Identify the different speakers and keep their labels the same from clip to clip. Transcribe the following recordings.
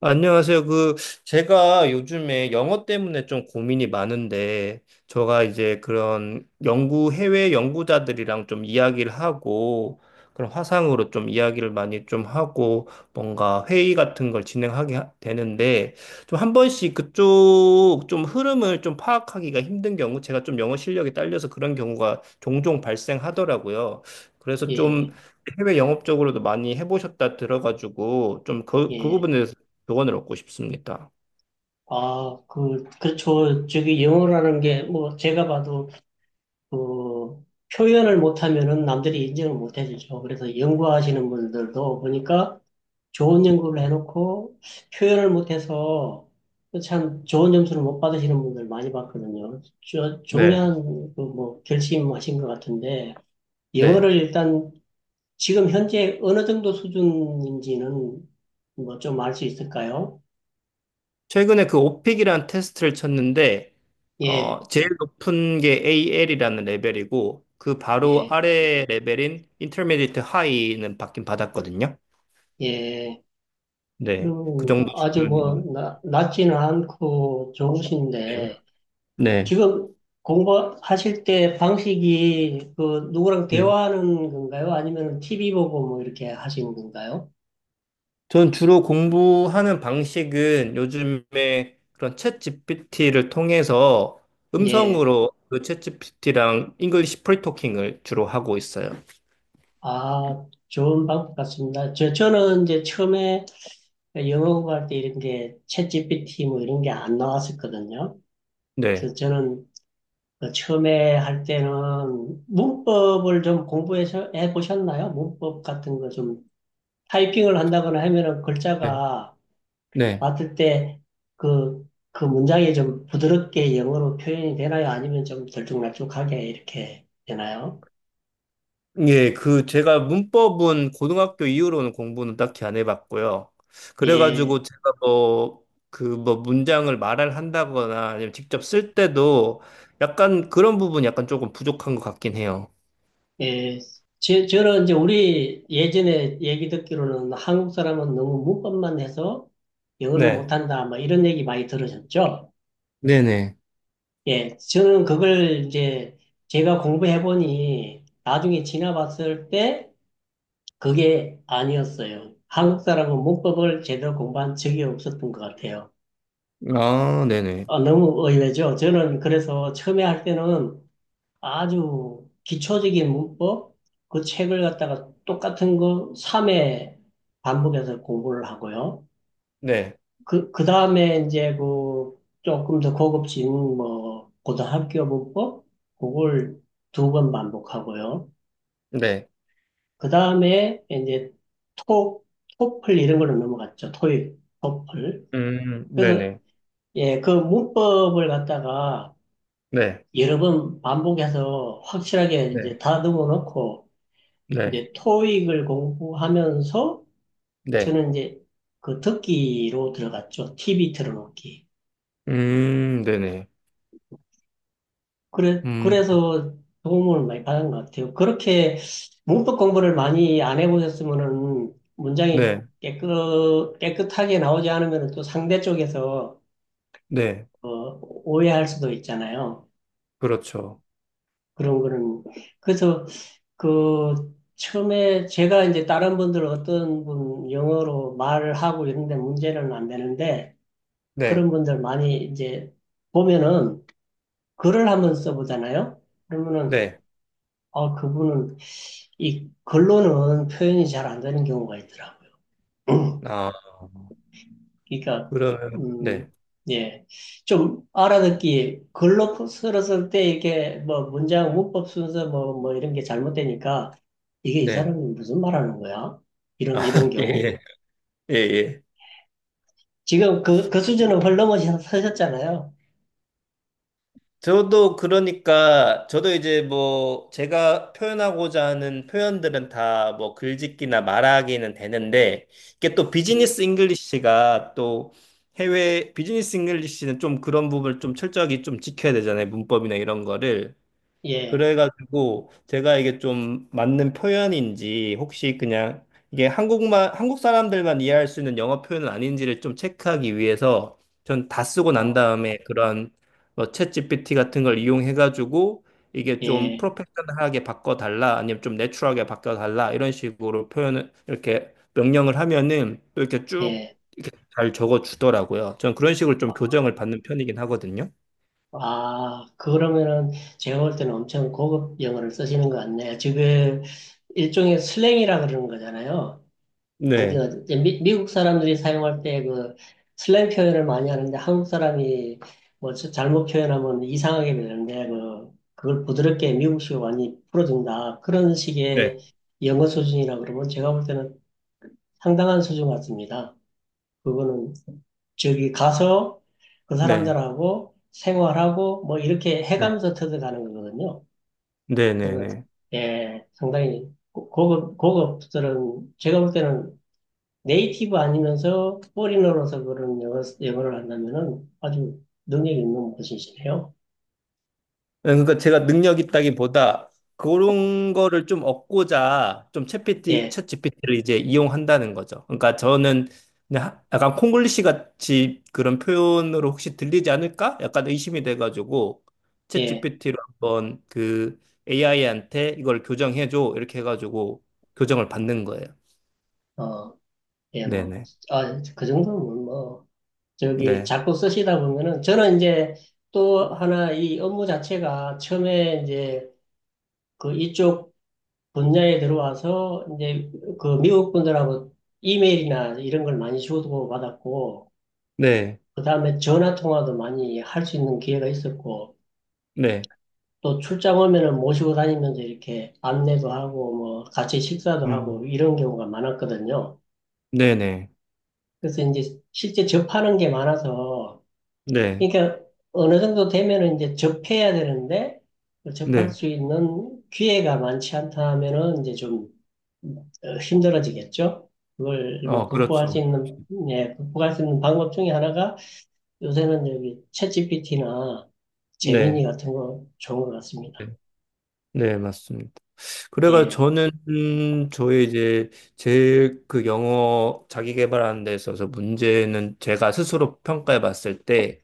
Speaker 1: 안녕하세요. 제가 요즘에 영어 때문에 좀 고민이 많은데, 제가 이제 그런 연구, 해외 연구자들이랑 좀 이야기를 하고, 그런 화상으로 좀 이야기를 많이 좀 하고, 뭔가 회의 같은 걸 진행하게 되는데, 좀 한 번씩 그쪽 좀 흐름을 좀 파악하기가 힘든 경우, 제가 좀 영어 실력이 딸려서 그런 경우가 종종 발생하더라고요. 그래서 좀
Speaker 2: 예,
Speaker 1: 해외 영업 적으로도 많이 해보셨다 들어가지고 좀 그
Speaker 2: 예.
Speaker 1: 부분에 대해서 조언을 얻고 싶습니다.
Speaker 2: 아, 그렇죠. 저기 영어라는 게, 뭐, 제가 봐도, 그, 표현을 못하면은 남들이 인정을 못 해주죠. 그래서 연구하시는 분들도 보니까 좋은 연구를 해놓고 표현을 못해서 참 좋은 점수를 못 받으시는 분들 많이 봤거든요. 저,
Speaker 1: 네,
Speaker 2: 중요한, 그 뭐, 결심하신 것 같은데,
Speaker 1: 네.
Speaker 2: 영어를 일단 지금 현재 어느 정도 수준인지는 뭐 좀 알 수 있을까요?
Speaker 1: 최근에 그 오픽이라는 테스트를 쳤는데,
Speaker 2: 예,
Speaker 1: 제일 높은 게 AL이라는 레벨이고, 그 바로
Speaker 2: 예.
Speaker 1: 아래 레벨인 Intermediate High는 받긴 받았거든요.
Speaker 2: 예,
Speaker 1: 네. 그
Speaker 2: 그럼
Speaker 1: 정도
Speaker 2: 아주
Speaker 1: 수준입니다.
Speaker 2: 뭐, 낮지는 않고
Speaker 1: 네.
Speaker 2: 좋으신데,
Speaker 1: 네.
Speaker 2: 지금 공부하실 때 방식이 그 누구랑
Speaker 1: 네.
Speaker 2: 대화하는 건가요? 아니면 TV 보고 뭐 이렇게 하시는 건가요?
Speaker 1: 전 주로 공부하는 방식은 요즘에 그런 챗 GPT를 통해서
Speaker 2: 예,
Speaker 1: 음성으로 그챗 GPT랑 잉글리시 프리토킹을 주로 하고 있어요.
Speaker 2: 아, 좋은 방법 같습니다. 저는 이제 처음에 영어 공부할 때 이런 게 챗GPT 뭐 이런 게 안 나왔었거든요.
Speaker 1: 네.
Speaker 2: 그래서 저는 그 처음에 할 때는 문법을 좀 공부해서 해 보셨나요? 문법 같은 거좀 타이핑을 한다거나 하면은
Speaker 1: 네.
Speaker 2: 글자가
Speaker 1: 네.
Speaker 2: 봤을 때 그, 그 문장이 좀 부드럽게 영어로 표현이 되나요? 아니면 좀 들쭉날쭉하게 이렇게 되나요?
Speaker 1: 예, 그 제가 문법은 고등학교 이후로는 공부는 딱히 안 해봤고요.
Speaker 2: 예,
Speaker 1: 그래가지고 제가 그 뭐 문장을 말을 한다거나 아니면 직접 쓸 때도 약간 그런 부분이 약간 조금 부족한 것 같긴 해요.
Speaker 2: 예. 저는 이제 우리 예전에 얘기 듣기로는 한국 사람은 너무 문법만 해서 영어를
Speaker 1: 네.
Speaker 2: 못한다, 뭐 이런 얘기 많이 들으셨죠?
Speaker 1: 네네.
Speaker 2: 예, 저는 그걸 이제 제가 공부해보니 나중에 지나봤을 때 그게 아니었어요. 한국 사람은 문법을 제대로 공부한 적이 없었던 것 같아요.
Speaker 1: 아, 네네.
Speaker 2: 아, 너무 의외죠. 저는 그래서 처음에 할 때는 아주 기초적인 문법, 그 책을 갖다가 똑같은 거 3회 반복해서 공부를 하고요.
Speaker 1: 네.
Speaker 2: 그 다음에 이제 그 조금 더 고급진 뭐 고등학교 문법, 그걸 두 번 반복하고요.
Speaker 1: 네.
Speaker 2: 그 다음에 이제 토, 토플 이런 걸로 넘어갔죠. 토익, 토플. 그래서
Speaker 1: 네네.
Speaker 2: 예, 그 문법을 갖다가
Speaker 1: 네.
Speaker 2: 여러 번 반복해서 확실하게
Speaker 1: 네.
Speaker 2: 이제 다듬어 놓고
Speaker 1: 네.
Speaker 2: 이제 토익을 공부하면서
Speaker 1: 네.
Speaker 2: 저는 이제 그 듣기로 들어갔죠. TV 틀어놓기.
Speaker 1: 네네.
Speaker 2: 그래,
Speaker 1: 음,
Speaker 2: 그래서 도움을 많이 받은 것 같아요. 그렇게 문법 공부를 많이 안 해보셨으면은 문장이
Speaker 1: 네.
Speaker 2: 깨끗하게 나오지 않으면 또 상대 쪽에서
Speaker 1: 네.
Speaker 2: 어, 오해할 수도 있잖아요.
Speaker 1: 그렇죠.
Speaker 2: 그런 거는. 그래서 그 처음에 제가 이제 다른 분들 어떤 분 영어로 말을 하고 이런데 문제는 안 되는데
Speaker 1: 네.
Speaker 2: 그런 분들 많이 이제 보면은 글을 한번 써보잖아요. 그러면은
Speaker 1: 네.
Speaker 2: 아, 그분은 이 글로는 표현이 잘 안 되는 경우가 있더라고요.
Speaker 1: 아,
Speaker 2: 그러니까,
Speaker 1: 그러면,
Speaker 2: 음,
Speaker 1: 네.
Speaker 2: 예. 좀 알아듣기, 글로 쓸었을 때 이렇게 뭐 문장, 문법 순서 뭐 이런 게 잘못되니까 이게 이
Speaker 1: 네.
Speaker 2: 사람이 무슨 말 하는 거야?
Speaker 1: 아,
Speaker 2: 이런
Speaker 1: 예,
Speaker 2: 경우.
Speaker 1: 예, 예. 예.
Speaker 2: 지금 그 수준은 훨씬 넘어서셨잖아요.
Speaker 1: 저도 그러니까, 저도 이제 뭐, 제가 표현하고자 하는 표현들은 다 뭐, 글짓기나 말하기는 되는데, 이게 또
Speaker 2: 음,
Speaker 1: 비즈니스 잉글리시가 또 해외, 비즈니스 잉글리시는 좀 그런 부분을 좀 철저하게 좀 지켜야 되잖아요. 문법이나 이런 거를.
Speaker 2: 예.
Speaker 1: 그래가지고 제가 이게 좀 맞는 표현인지 혹시 그냥 이게 한국만 한국 사람들만 이해할 수 있는 영어 표현은 아닌지를 좀 체크하기 위해서 전 다 쓰고 난
Speaker 2: 어,
Speaker 1: 다음에 그런 뭐 챗GPT 같은 걸 이용해가지고 이게 좀
Speaker 2: 예.
Speaker 1: 프로페셔널하게 바꿔달라 아니면 좀 내추럴하게 바꿔달라 이런 식으로 표현을 이렇게 명령을 하면은 또 이렇게 쭉
Speaker 2: 예.
Speaker 1: 잘 적어주더라고요. 전 그런 식으로 좀 교정을 받는 편이긴 하거든요.
Speaker 2: 아, 그러면은 제가 볼 때는 엄청 고급 영어를 쓰시는 것 같네요. 지금 일종의 슬랭이라 그러는 거잖아요.
Speaker 1: 네.
Speaker 2: 그러니까 이제 미국 사람들이 사용할 때 그 슬랭 표현을 많이 하는데 한국 사람이 뭐 잘못 표현하면 이상하게 되는데 그걸 부드럽게 미국식으로 많이 풀어준다. 그런
Speaker 1: 네.
Speaker 2: 식의 영어 수준이라 그러면 제가 볼 때는 상당한 수준 같습니다. 그거는 저기 가서 그
Speaker 1: 네.
Speaker 2: 사람들하고 생활하고 뭐 이렇게
Speaker 1: 네.
Speaker 2: 해가면서 터득하는 거거든요.
Speaker 1: 네. 네. 네.
Speaker 2: 예, 상당히 고급들은 제가 볼 때는 네이티브 아니면서 포리너로서 그런 영어를 한다면은 아주 능력이 있는 분이시네요.
Speaker 1: 예, 그러니까 제가 능력 있다기보다 그런 거를 좀 얻고자 좀
Speaker 2: 예,
Speaker 1: 챗GPT를 이제 이용한다는 거죠. 그러니까 저는 그냥 약간 콩글리시 같이 그런 표현으로 혹시 들리지 않을까? 약간 의심이 돼가지고
Speaker 2: 예,
Speaker 1: 챗GPT로 한번 그 AI한테 이걸 교정해줘 이렇게 해가지고 교정을 받는 거예요.
Speaker 2: 어, 예, 뭐,
Speaker 1: 네네.
Speaker 2: 아, 그 정도면 뭐, 저기
Speaker 1: 네.
Speaker 2: 자꾸 쓰시다 보면은 저는 이제 또 하나 이 업무 자체가 처음에 이제 그 이쪽 분야에 들어와서 이제 그 미국 분들하고 이메일이나 이런 걸 많이 주고받았고
Speaker 1: 네.
Speaker 2: 그다음에 전화 통화도 많이 할 수 있는 기회가 있었고
Speaker 1: 네.
Speaker 2: 또 출장 오면은 모시고 다니면서 이렇게 안내도 하고 뭐 같이 식사도 하고
Speaker 1: 음.
Speaker 2: 이런 경우가 많았거든요.
Speaker 1: 네네.
Speaker 2: 그래서 이제 실제 접하는 게 많아서
Speaker 1: 네.
Speaker 2: 그러니까 어느 정도 되면은 이제 접해야 되는데 그 접할
Speaker 1: 네.
Speaker 2: 수 있는 기회가 많지 않다 하면은 이제 좀 힘들어지겠죠. 그걸 뭐
Speaker 1: 어,
Speaker 2: 극복할 수
Speaker 1: 그렇죠.
Speaker 2: 있는 예, 극복할 수 있는 방법 중에 하나가 요새는 여기 챗GPT나 재민이
Speaker 1: 네.
Speaker 2: 같은 거 좋은 것 같습니다.
Speaker 1: 네, 네, 맞습니다. 그래가
Speaker 2: 예.
Speaker 1: 저는 저의 이제 제 그 영어 자기 개발하는 데 있어서 문제는 제가 스스로 평가해 봤을 때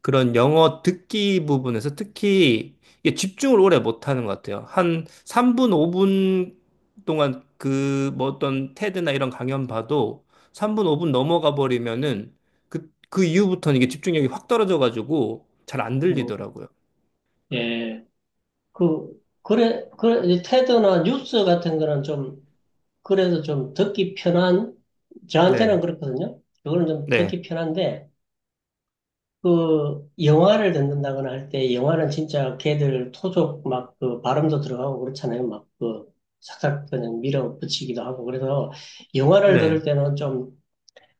Speaker 1: 그런 영어 듣기 부분에서 특히 이게 집중을 오래 못 하는 것 같아요. 한 3분, 5분 동안 그 뭐 어떤 테드나 이런 강연 봐도 3분, 5분 넘어가 버리면은 그 이후부터는 이게 집중력이 확 떨어져 가지고 잘 안
Speaker 2: 음,
Speaker 1: 들리더라고요.
Speaker 2: 예. 그래 테드나 뉴스 같은 거는 좀 그래도 좀 듣기 편한 저한테는
Speaker 1: 네.
Speaker 2: 그렇거든요. 그거는 좀
Speaker 1: 네.
Speaker 2: 듣기 편한데 그 영화를 듣는다거나 할 때 영화는 진짜 걔들 토족 막 그 발음도 들어가고 그렇잖아요. 막그 싹싹 그냥 밀어붙이기도 하고 그래서 영화를 들을
Speaker 1: 네.
Speaker 2: 때는 좀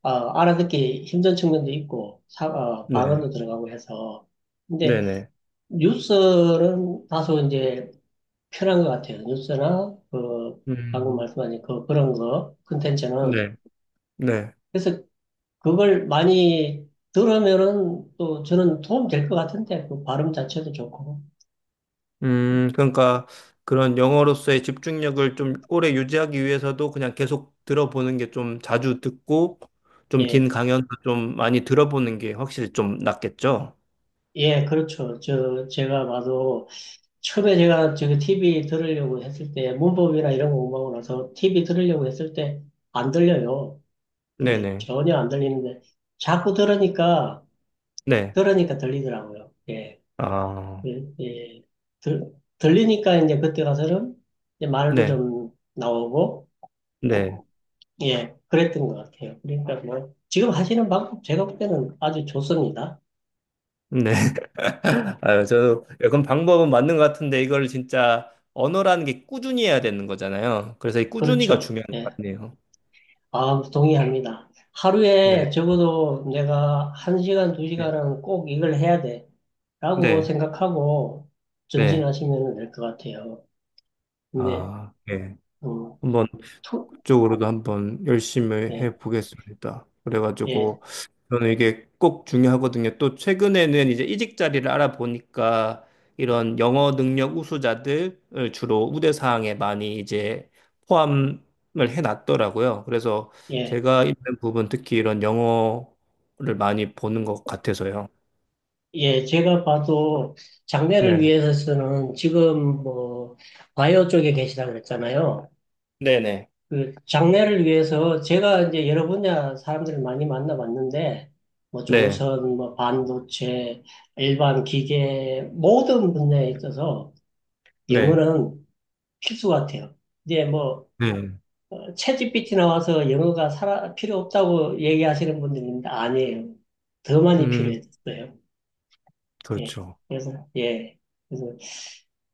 Speaker 2: 알아듣기 힘든 측면도 있고
Speaker 1: 네.
Speaker 2: 발음도 들어가고 해서 근데
Speaker 1: 네. 네.
Speaker 2: 뉴스는 다소 이제 편한 것 같아요. 뉴스나 그 방금
Speaker 1: 음.
Speaker 2: 말씀하신 그런 거 콘텐츠는
Speaker 1: 네, 네.
Speaker 2: 그래서 그걸 많이 들으면은 또 저는 도움 될 것 같은데, 그 발음 자체도 좋고.
Speaker 1: 그러니까 그런 영어로서의 집중력을 좀 오래 유지하기 위해서도 그냥 계속 들어보는 게 좀 자주 듣고 좀 긴
Speaker 2: 예,
Speaker 1: 강연도 좀 많이 들어보는 게 확실히 좀 낫겠죠?
Speaker 2: 예, 그렇죠. 제가 봐도 처음에 제가 저기 TV 들으려고 했을 때, 문법이나 이런 거 공부하고 나서 TV 들으려고 했을 때 안 들려요. 근데
Speaker 1: 네네.
Speaker 2: 전혀 안 들리는데, 자꾸 들으니까,
Speaker 1: 네.
Speaker 2: 들으니까 들리더라고요. 예,
Speaker 1: 아,
Speaker 2: 예, 예. 들, 들리니까 이제 그때 가서는 이제 말도
Speaker 1: 네.
Speaker 2: 좀 나오고,
Speaker 1: 네.
Speaker 2: 예, 그랬던 것 같아요. 그러니까 뭐, 지금 하시는 방법 제가 볼 때는 아주 좋습니다.
Speaker 1: 네. 아유, 저도 약간 방법은 맞는 것 같은데 이걸 진짜 언어라는 게 꾸준히 해야 되는 거잖아요. 그래서 이 꾸준히가
Speaker 2: 그렇죠.
Speaker 1: 중요한 것
Speaker 2: 예,
Speaker 1: 같네요.
Speaker 2: 아, 동의합니다.
Speaker 1: 네.
Speaker 2: 하루에 적어도 내가
Speaker 1: 네.
Speaker 2: 한시간두시간은꼭 이걸 해야 돼. 라고
Speaker 1: 네.
Speaker 2: 생각하고
Speaker 1: 네.
Speaker 2: 전진하시면 될 것 같아요. 근데,
Speaker 1: 아, 네.
Speaker 2: 음,
Speaker 1: 한번
Speaker 2: 투,
Speaker 1: 쪽으로도 한번 열심히
Speaker 2: 예,
Speaker 1: 해 보겠습니다.
Speaker 2: 예,
Speaker 1: 그래가지고 저는 이게 꼭 중요하거든요. 또 최근에는 이제 이직 자리를 알아보니까 이런 영어 능력 우수자들을 주로 우대 사항에 많이 이제 포함을 해놨더라고요. 그래서
Speaker 2: 예,
Speaker 1: 제가 있는 부분 특히 이런 영어를 많이 보는 것 같아서요.
Speaker 2: 예, 제가 봐도 장래를
Speaker 1: 네.
Speaker 2: 위해서 는 지금 뭐, 바이오 쪽에 계시다 그랬잖아요.
Speaker 1: 네네.
Speaker 2: 그 장래를 위해서 제가 이제 여러 분야 사람들을 많이 만나봤는데 뭐
Speaker 1: 네.
Speaker 2: 조선, 뭐 반도체, 일반 기계 모든 분야에 있어서
Speaker 1: 네.
Speaker 2: 영어는 필수 같아요. 이제 뭐
Speaker 1: 네.
Speaker 2: 챗지피티 나와서 영어가 필요 없다고 얘기하시는 분들 있는데 아니에요. 더 많이
Speaker 1: 음,
Speaker 2: 필요했어요. 예.
Speaker 1: 그렇죠.
Speaker 2: 그래서 예. 그래서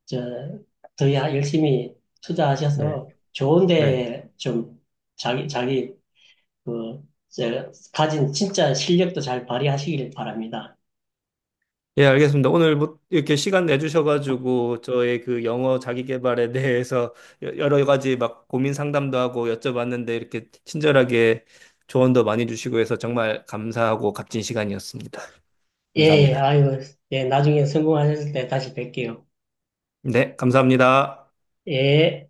Speaker 2: 저더 열심히
Speaker 1: 네.
Speaker 2: 투자하셔서 좋은
Speaker 1: 네.
Speaker 2: 데좀 자기 그, 이제 가진 진짜 실력도 잘 발휘하시길 바랍니다.
Speaker 1: 예, 알겠습니다. 오늘 뭐 이렇게 시간 내주셔가지고 저의 그 영어 자기 개발에 대해서 여러 가지 막 고민 상담도 하고 여쭤봤는데 이렇게 친절하게 조언도 많이 주시고 해서 정말 감사하고 값진 시간이었습니다.
Speaker 2: 예, 예,
Speaker 1: 감사합니다.
Speaker 2: 아이고, 예, 나중에 성공하셨을 때 다시 뵐게요.
Speaker 1: 네, 감사합니다.
Speaker 2: 예.